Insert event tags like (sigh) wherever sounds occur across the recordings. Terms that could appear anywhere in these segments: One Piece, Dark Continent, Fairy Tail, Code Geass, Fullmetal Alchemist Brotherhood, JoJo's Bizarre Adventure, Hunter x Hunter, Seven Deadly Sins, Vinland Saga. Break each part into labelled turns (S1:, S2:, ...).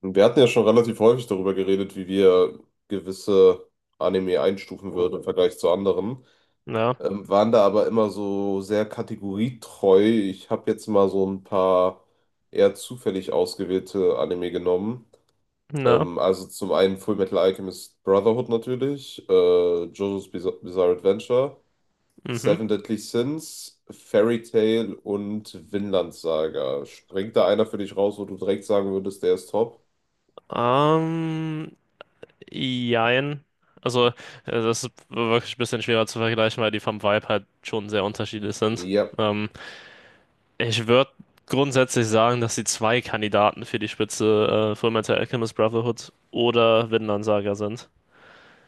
S1: Und wir hatten ja schon relativ häufig darüber geredet, wie wir gewisse Anime einstufen würden im Vergleich zu anderen.
S2: Na,
S1: Waren da aber immer so sehr kategorietreu. Ich habe jetzt mal so ein paar eher zufällig ausgewählte Anime genommen.
S2: na,
S1: Also zum einen Fullmetal Alchemist Brotherhood natürlich, JoJo's Bizarre Adventure,
S2: mhm.
S1: Seven Deadly Sins, Fairy Tail und Vinland Saga. Springt da einer für dich raus, wo du direkt sagen würdest, der ist top?
S2: Ähm, Jein. Also, äh, Das ist wirklich ein bisschen schwerer zu vergleichen, weil die vom Vibe halt schon sehr unterschiedlich sind.
S1: Ja.
S2: Ähm, Ich würde grundsätzlich sagen, dass die zwei Kandidaten für die Spitze Fullmetal Alchemist Brotherhood oder Vinland Saga sind.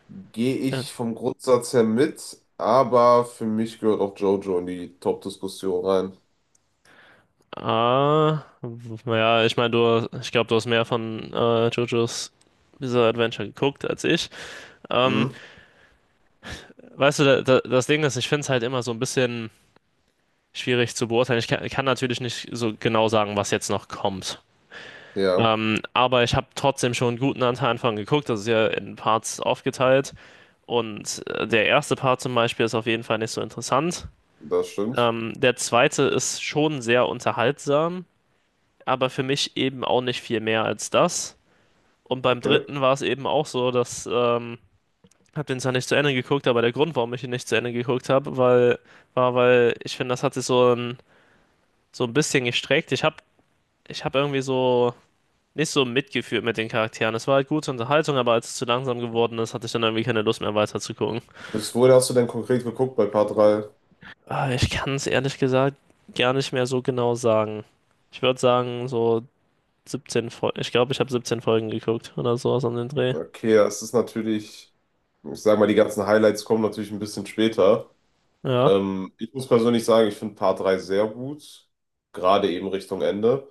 S1: Gehe
S2: Äh,
S1: ich vom Grundsatz her mit, aber für mich gehört auch JoJo in die Top-Diskussion rein.
S2: naja, ich meine, du, ich glaube, du hast mehr von JoJo's Bizarre Adventure geguckt als ich. Ähm,
S1: Mhm.
S2: Weißt du, das Ding ist, ich finde es halt immer so ein bisschen schwierig zu beurteilen. Ich kann natürlich nicht so genau sagen, was jetzt noch kommt.
S1: Ja,
S2: Aber ich habe trotzdem schon einen guten Anteil von geguckt. Das ist ja in Parts aufgeteilt. Und der erste Part zum Beispiel ist auf jeden Fall nicht so interessant.
S1: das stimmt.
S2: Der zweite ist schon sehr unterhaltsam, aber für mich eben auch nicht viel mehr als das. Und beim
S1: Okay.
S2: dritten war es eben auch so, dass ich habe den zwar nicht zu Ende geguckt, aber der Grund, warum ich ihn nicht zu Ende geguckt habe, war, weil ich finde, das hat sich so ein bisschen gestreckt. Ich habe irgendwie so nicht so mitgefühlt mit den Charakteren. Es war halt gute Unterhaltung, aber als es zu langsam geworden ist, hatte ich dann irgendwie keine Lust mehr weiter zu gucken.
S1: Bis wohin hast du denn konkret geguckt bei Part 3?
S2: Ich kann es ehrlich gesagt gar nicht mehr so genau sagen. Ich würde sagen, so 17 Folgen. Ich glaube, ich habe 17 Folgen geguckt oder sowas an den Dreh.
S1: Okay, das ist natürlich, ich sag mal, die ganzen Highlights kommen natürlich ein bisschen später.
S2: Ja,
S1: Ich muss persönlich sagen, ich finde Part 3 sehr gut, gerade eben Richtung Ende.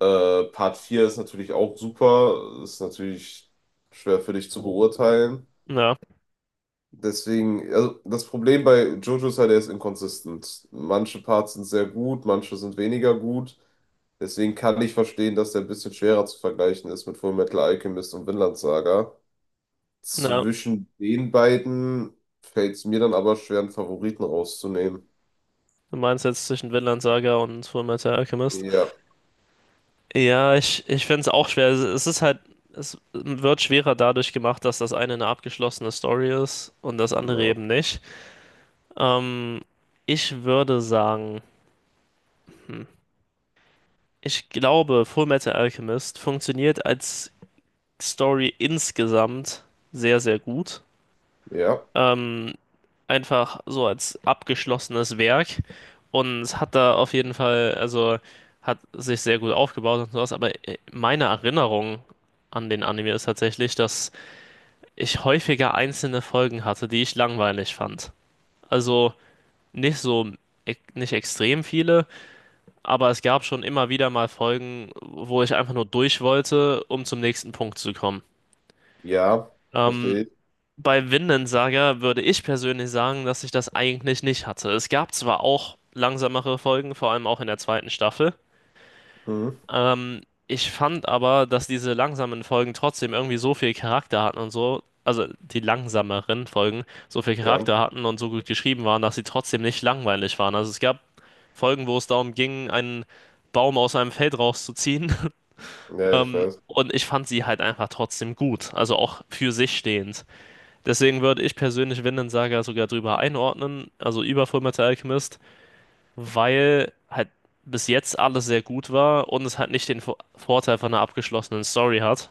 S1: Part 4 ist natürlich auch super, ist natürlich schwer für dich zu beurteilen.
S2: ja,
S1: Deswegen, also das Problem bei Jojo ist halt, er ist inkonsistent. Manche Parts sind sehr gut, manche sind weniger gut. Deswegen kann ich verstehen, dass der ein bisschen schwerer zu vergleichen ist mit Fullmetal Alchemist und Vinland Saga.
S2: ja.
S1: Zwischen den beiden fällt es mir dann aber schwer, einen Favoriten rauszunehmen.
S2: Du meinst jetzt zwischen Vinland Saga und Fullmetal Alchemist?
S1: Ja,
S2: Ja, ich finde es auch schwer. Es ist halt, es wird schwerer dadurch gemacht, dass das eine abgeschlossene Story ist und das andere
S1: ja,
S2: eben nicht. Ähm, Ich würde sagen, hm, ich glaube, Fullmetal Alchemist funktioniert als Story insgesamt sehr, sehr gut.
S1: ja,
S2: Ähm, Einfach so als abgeschlossenes Werk und hat da auf jeden Fall, also hat sich sehr gut aufgebaut und sowas, aber meine Erinnerung an den Anime ist tatsächlich, dass ich häufiger einzelne Folgen hatte, die ich langweilig fand. Also nicht so, nicht extrem viele. Aber es gab schon immer wieder mal Folgen, wo ich einfach nur durch wollte, um zum nächsten Punkt zu kommen.
S1: ja,
S2: Ähm,
S1: verstehe ich.
S2: Bei Vinland Saga würde ich persönlich sagen, dass ich das eigentlich nicht hatte. Es gab zwar auch langsamere Folgen, vor allem auch in der zweiten Staffel.
S1: Mhm.
S2: Ähm, Ich fand aber, dass diese langsamen Folgen trotzdem irgendwie so viel Charakter hatten und so, also die langsameren Folgen so viel
S1: Ja,
S2: Charakter hatten und so gut geschrieben waren, dass sie trotzdem nicht langweilig waren. Also es gab Folgen, wo es darum ging, einen Baum aus einem Feld rauszuziehen. (laughs)
S1: ja, ich weiß.
S2: Und ich fand sie halt einfach trotzdem gut, also auch für sich stehend. Deswegen würde ich persönlich Vinland Saga sogar drüber einordnen, also über Fullmetal Alchemist, weil halt bis jetzt alles sehr gut war und es halt nicht den Vorteil von einer abgeschlossenen Story hat.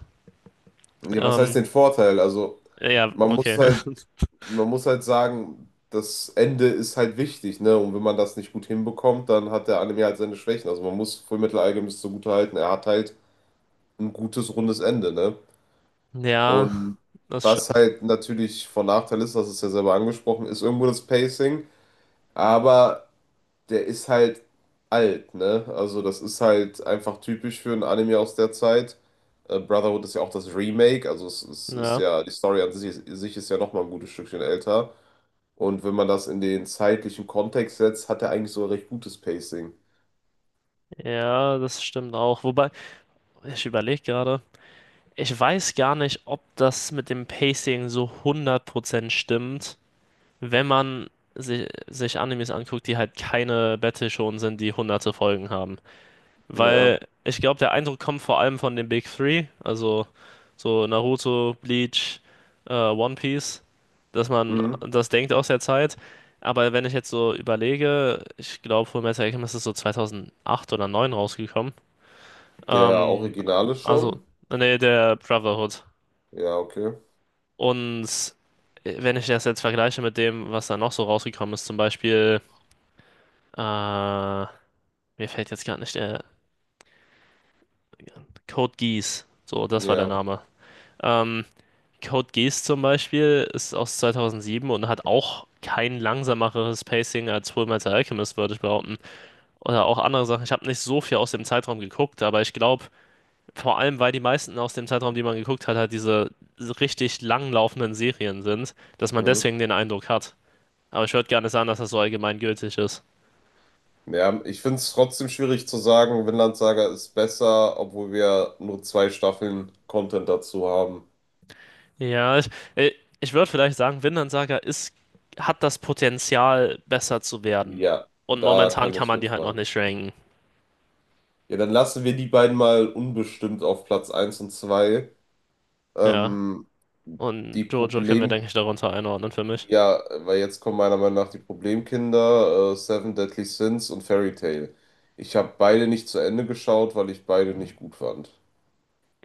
S1: Ja, was heißt
S2: Ähm,
S1: den Vorteil? Also,
S2: ja,
S1: man muss
S2: okay.
S1: halt
S2: (laughs)
S1: man muss halt sagen, das Ende ist halt wichtig, ne? Und wenn man das nicht gut hinbekommt, dann hat der Anime halt seine Schwächen. Also man muss Fullmetal Alchemist zugute halten, er hat halt ein gutes, rundes Ende, ne?
S2: Ja,
S1: Und
S2: das
S1: was
S2: stimmt.
S1: halt natürlich von Nachteil ist, das ist ja selber angesprochen, ist irgendwo das Pacing, aber der ist halt alt, ne? Also das ist halt einfach typisch für ein Anime aus der Zeit. Brotherhood ist ja auch das Remake, also es ist
S2: Ja,
S1: ja, die Story an sich ist ja nochmal ein gutes Stückchen älter. Und wenn man das in den zeitlichen Kontext setzt, hat er eigentlich so ein recht gutes Pacing.
S2: ja, das stimmt auch. Wobei, ich überlege gerade, ich weiß gar nicht, ob das mit dem Pacing so 100% stimmt. Wenn man si sich Animes anguckt, die halt keine Battle-Shonen sind, die hunderte Folgen haben. Weil
S1: Ja.
S2: ich glaube, der Eindruck kommt vor allem von den Big Three, also so Naruto, Bleach, One Piece, dass man
S1: Mhm.
S2: das denkt aus der Zeit. Aber wenn ich jetzt so überlege, ich glaube, Fullmetal Alchemist ist so 2008 oder 2009 rausgekommen.
S1: Der
S2: Ähm,
S1: Originale
S2: also,
S1: schon?
S2: Nee, der Brotherhood.
S1: Ja, okay.
S2: Und wenn ich das jetzt vergleiche mit dem, was da noch so rausgekommen ist, zum Beispiel Äh, mir fällt jetzt gerade nicht der Code Geass. So, das war der
S1: Ja.
S2: Name. Ähm, Code Geass zum Beispiel ist aus 2007 und hat auch kein langsameres Pacing als Fullmetal Alchemist, würde ich behaupten. Oder auch andere Sachen. Ich habe nicht so viel aus dem Zeitraum geguckt, aber ich glaube, vor allem, weil die meisten aus dem Zeitraum, die man geguckt hat, halt diese richtig langlaufenden Serien sind, dass man
S1: Mhm.
S2: deswegen den Eindruck hat. Aber ich würde gerne sagen, dass das so allgemeingültig ist.
S1: Ja, ich finde es trotzdem schwierig zu sagen, Vinland Saga ist besser, obwohl wir nur zwei Staffeln Content dazu haben.
S2: Ja, äh, ich würde vielleicht sagen, hat das Potenzial, besser zu werden.
S1: Ja,
S2: Und
S1: da
S2: momentan
S1: kann
S2: kann
S1: ich
S2: man die halt noch
S1: mitfahren.
S2: nicht ranken.
S1: Ja, dann lassen wir die beiden mal unbestimmt auf Platz 1 und 2.
S2: Ja.
S1: Ähm,
S2: Und
S1: die
S2: Jojo können wir,
S1: Problem
S2: denke ich, darunter einordnen für mich.
S1: Ja, weil jetzt kommen meiner Meinung nach die Problemkinder, Seven Deadly Sins und Fairy Tail. Ich habe beide nicht zu Ende geschaut, weil ich beide nicht gut fand.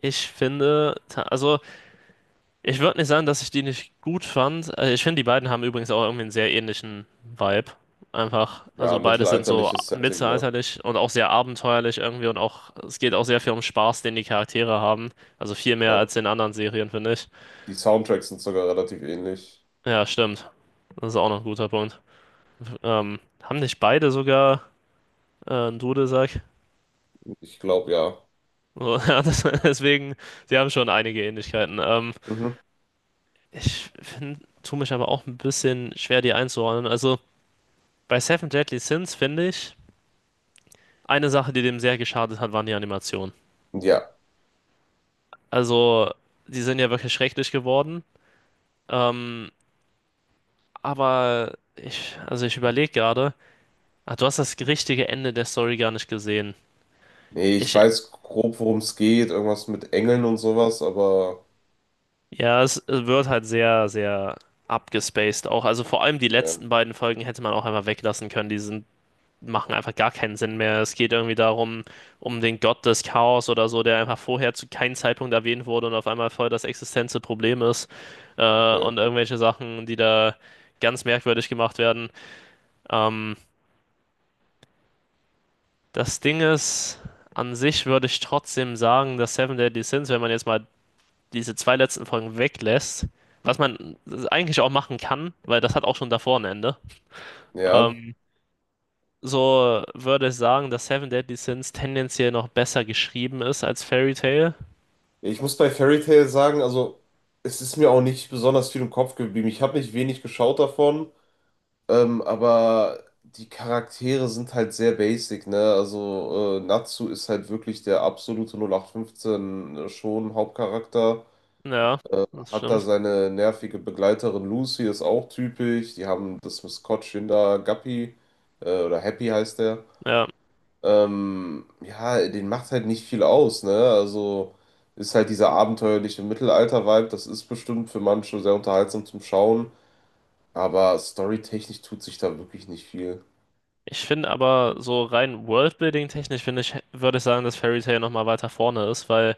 S2: Also ich würde nicht sagen, dass ich die nicht gut fand. Ich finde, die beiden haben übrigens auch irgendwie einen sehr ähnlichen Vibe. Einfach,
S1: Ja,
S2: also beide sind so
S1: mittelalterliches Setting, ne?
S2: mittelalterlich und auch sehr abenteuerlich irgendwie und auch, es geht auch sehr viel um Spaß, den die Charaktere haben. Also viel mehr
S1: Ja.
S2: als in anderen Serien, finde ich.
S1: Die Soundtracks sind sogar relativ ähnlich.
S2: Ja, stimmt. Das ist auch noch ein guter Punkt. Haben nicht beide sogar einen Dudelsack?
S1: Ich glaube, ja.
S2: So, (laughs) ja, deswegen, sie haben schon einige Ähnlichkeiten.
S1: Mhm.
S2: Ich tue mich aber auch ein bisschen schwer, die einzuordnen. Also bei Seven Deadly Sins finde ich, eine Sache, die dem sehr geschadet hat, waren die Animationen.
S1: Ja.
S2: Also, die sind ja wirklich schrecklich geworden. Ähm, aber ich überlege gerade, ah, du hast das richtige Ende der Story gar nicht gesehen.
S1: Nee, ich
S2: Ich
S1: weiß grob, worum es geht. Irgendwas mit Engeln und sowas, aber
S2: Ja, es wird halt sehr, sehr abgespaced auch. Also vor allem die
S1: ja,
S2: letzten beiden Folgen hätte man auch einfach weglassen können. Machen einfach gar keinen Sinn mehr. Es geht irgendwie darum, um den Gott des Chaos oder so, der einfach vorher zu keinem Zeitpunkt erwähnt wurde und auf einmal voll das existenzielle Problem ist.
S1: okay.
S2: Und irgendwelche Sachen, die da ganz merkwürdig gemacht werden. Ähm, Das Ding ist, an sich würde ich trotzdem sagen, dass Seven Deadly Sins, wenn man jetzt mal diese zwei letzten Folgen weglässt, was man eigentlich auch machen kann, weil das hat auch schon davor ein Ende.
S1: Ja.
S2: Ähm, so würde ich sagen, dass Seven Deadly Sins tendenziell noch besser geschrieben ist als Fairy Tail.
S1: Ich muss bei Fairy Tail sagen, also es ist mir auch nicht besonders viel im Kopf geblieben. Ich habe nicht wenig geschaut davon. Aber die Charaktere sind halt sehr basic, ne? Also Natsu ist halt wirklich der absolute 08/15 schon Hauptcharakter.
S2: Ja, das
S1: Hat da
S2: stimmt.
S1: seine nervige Begleiterin Lucy, ist auch typisch. Die haben das Maskottchen da, Guppy, oder Happy heißt der.
S2: Ja.
S1: Ja, den macht halt nicht viel aus, ne? Also ist halt dieser abenteuerliche Mittelalter-Vibe, das ist bestimmt für manche sehr unterhaltsam zum Schauen, aber storytechnisch tut sich da wirklich nicht viel.
S2: Ich finde aber so rein Worldbuilding-technisch finde ich, würde ich sagen, dass Fairy Tail nochmal weiter vorne ist, weil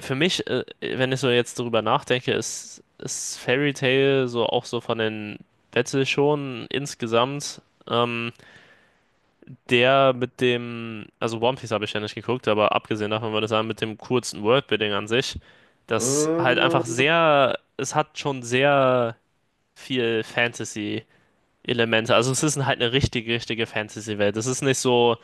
S2: für mich, wenn ich so jetzt drüber nachdenke, ist Fairy Tail so auch so von den Battle schon insgesamt ähm, der mit dem, also One Piece habe ich ja nicht geguckt, aber abgesehen davon würde ich sagen, mit dem kurzen Worldbuilding an sich, das halt einfach
S1: Mm,
S2: sehr, es hat schon sehr viel Fantasy-Elemente. Also es ist halt eine richtige Fantasy-Welt. Es ist nicht so,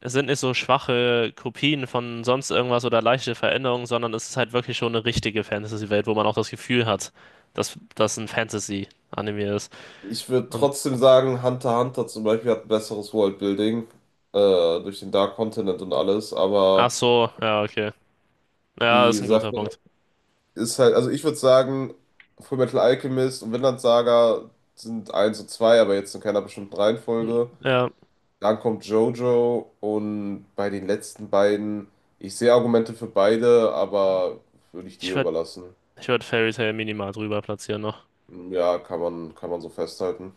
S2: es sind nicht so schwache Kopien von sonst irgendwas oder leichte Veränderungen, sondern es ist halt wirklich schon eine richtige Fantasy-Welt, wo man auch das Gefühl hat, dass das ein Fantasy-Anime ist.
S1: Ich würde
S2: Und,
S1: trotzdem sagen, Hunter x Hunter zum Beispiel hat ein besseres Worldbuilding, äh, durch den Dark Continent und alles,
S2: Ach
S1: aber
S2: so, ja, okay. Ja,
S1: die
S2: ist ein guter
S1: Sache
S2: Punkt.
S1: ist halt, also ich würde sagen, Fullmetal Alchemist und Vinland Saga sind eins und 2, aber jetzt in keiner bestimmten
S2: Hm,
S1: Reihenfolge.
S2: Ja,
S1: Dann kommt JoJo und bei den letzten beiden, ich sehe Argumente für beide, aber würde ich
S2: ich
S1: dir
S2: ver
S1: überlassen.
S2: Ich würde Fairy Tail minimal drüber platzieren noch.
S1: Ja, kann man so festhalten.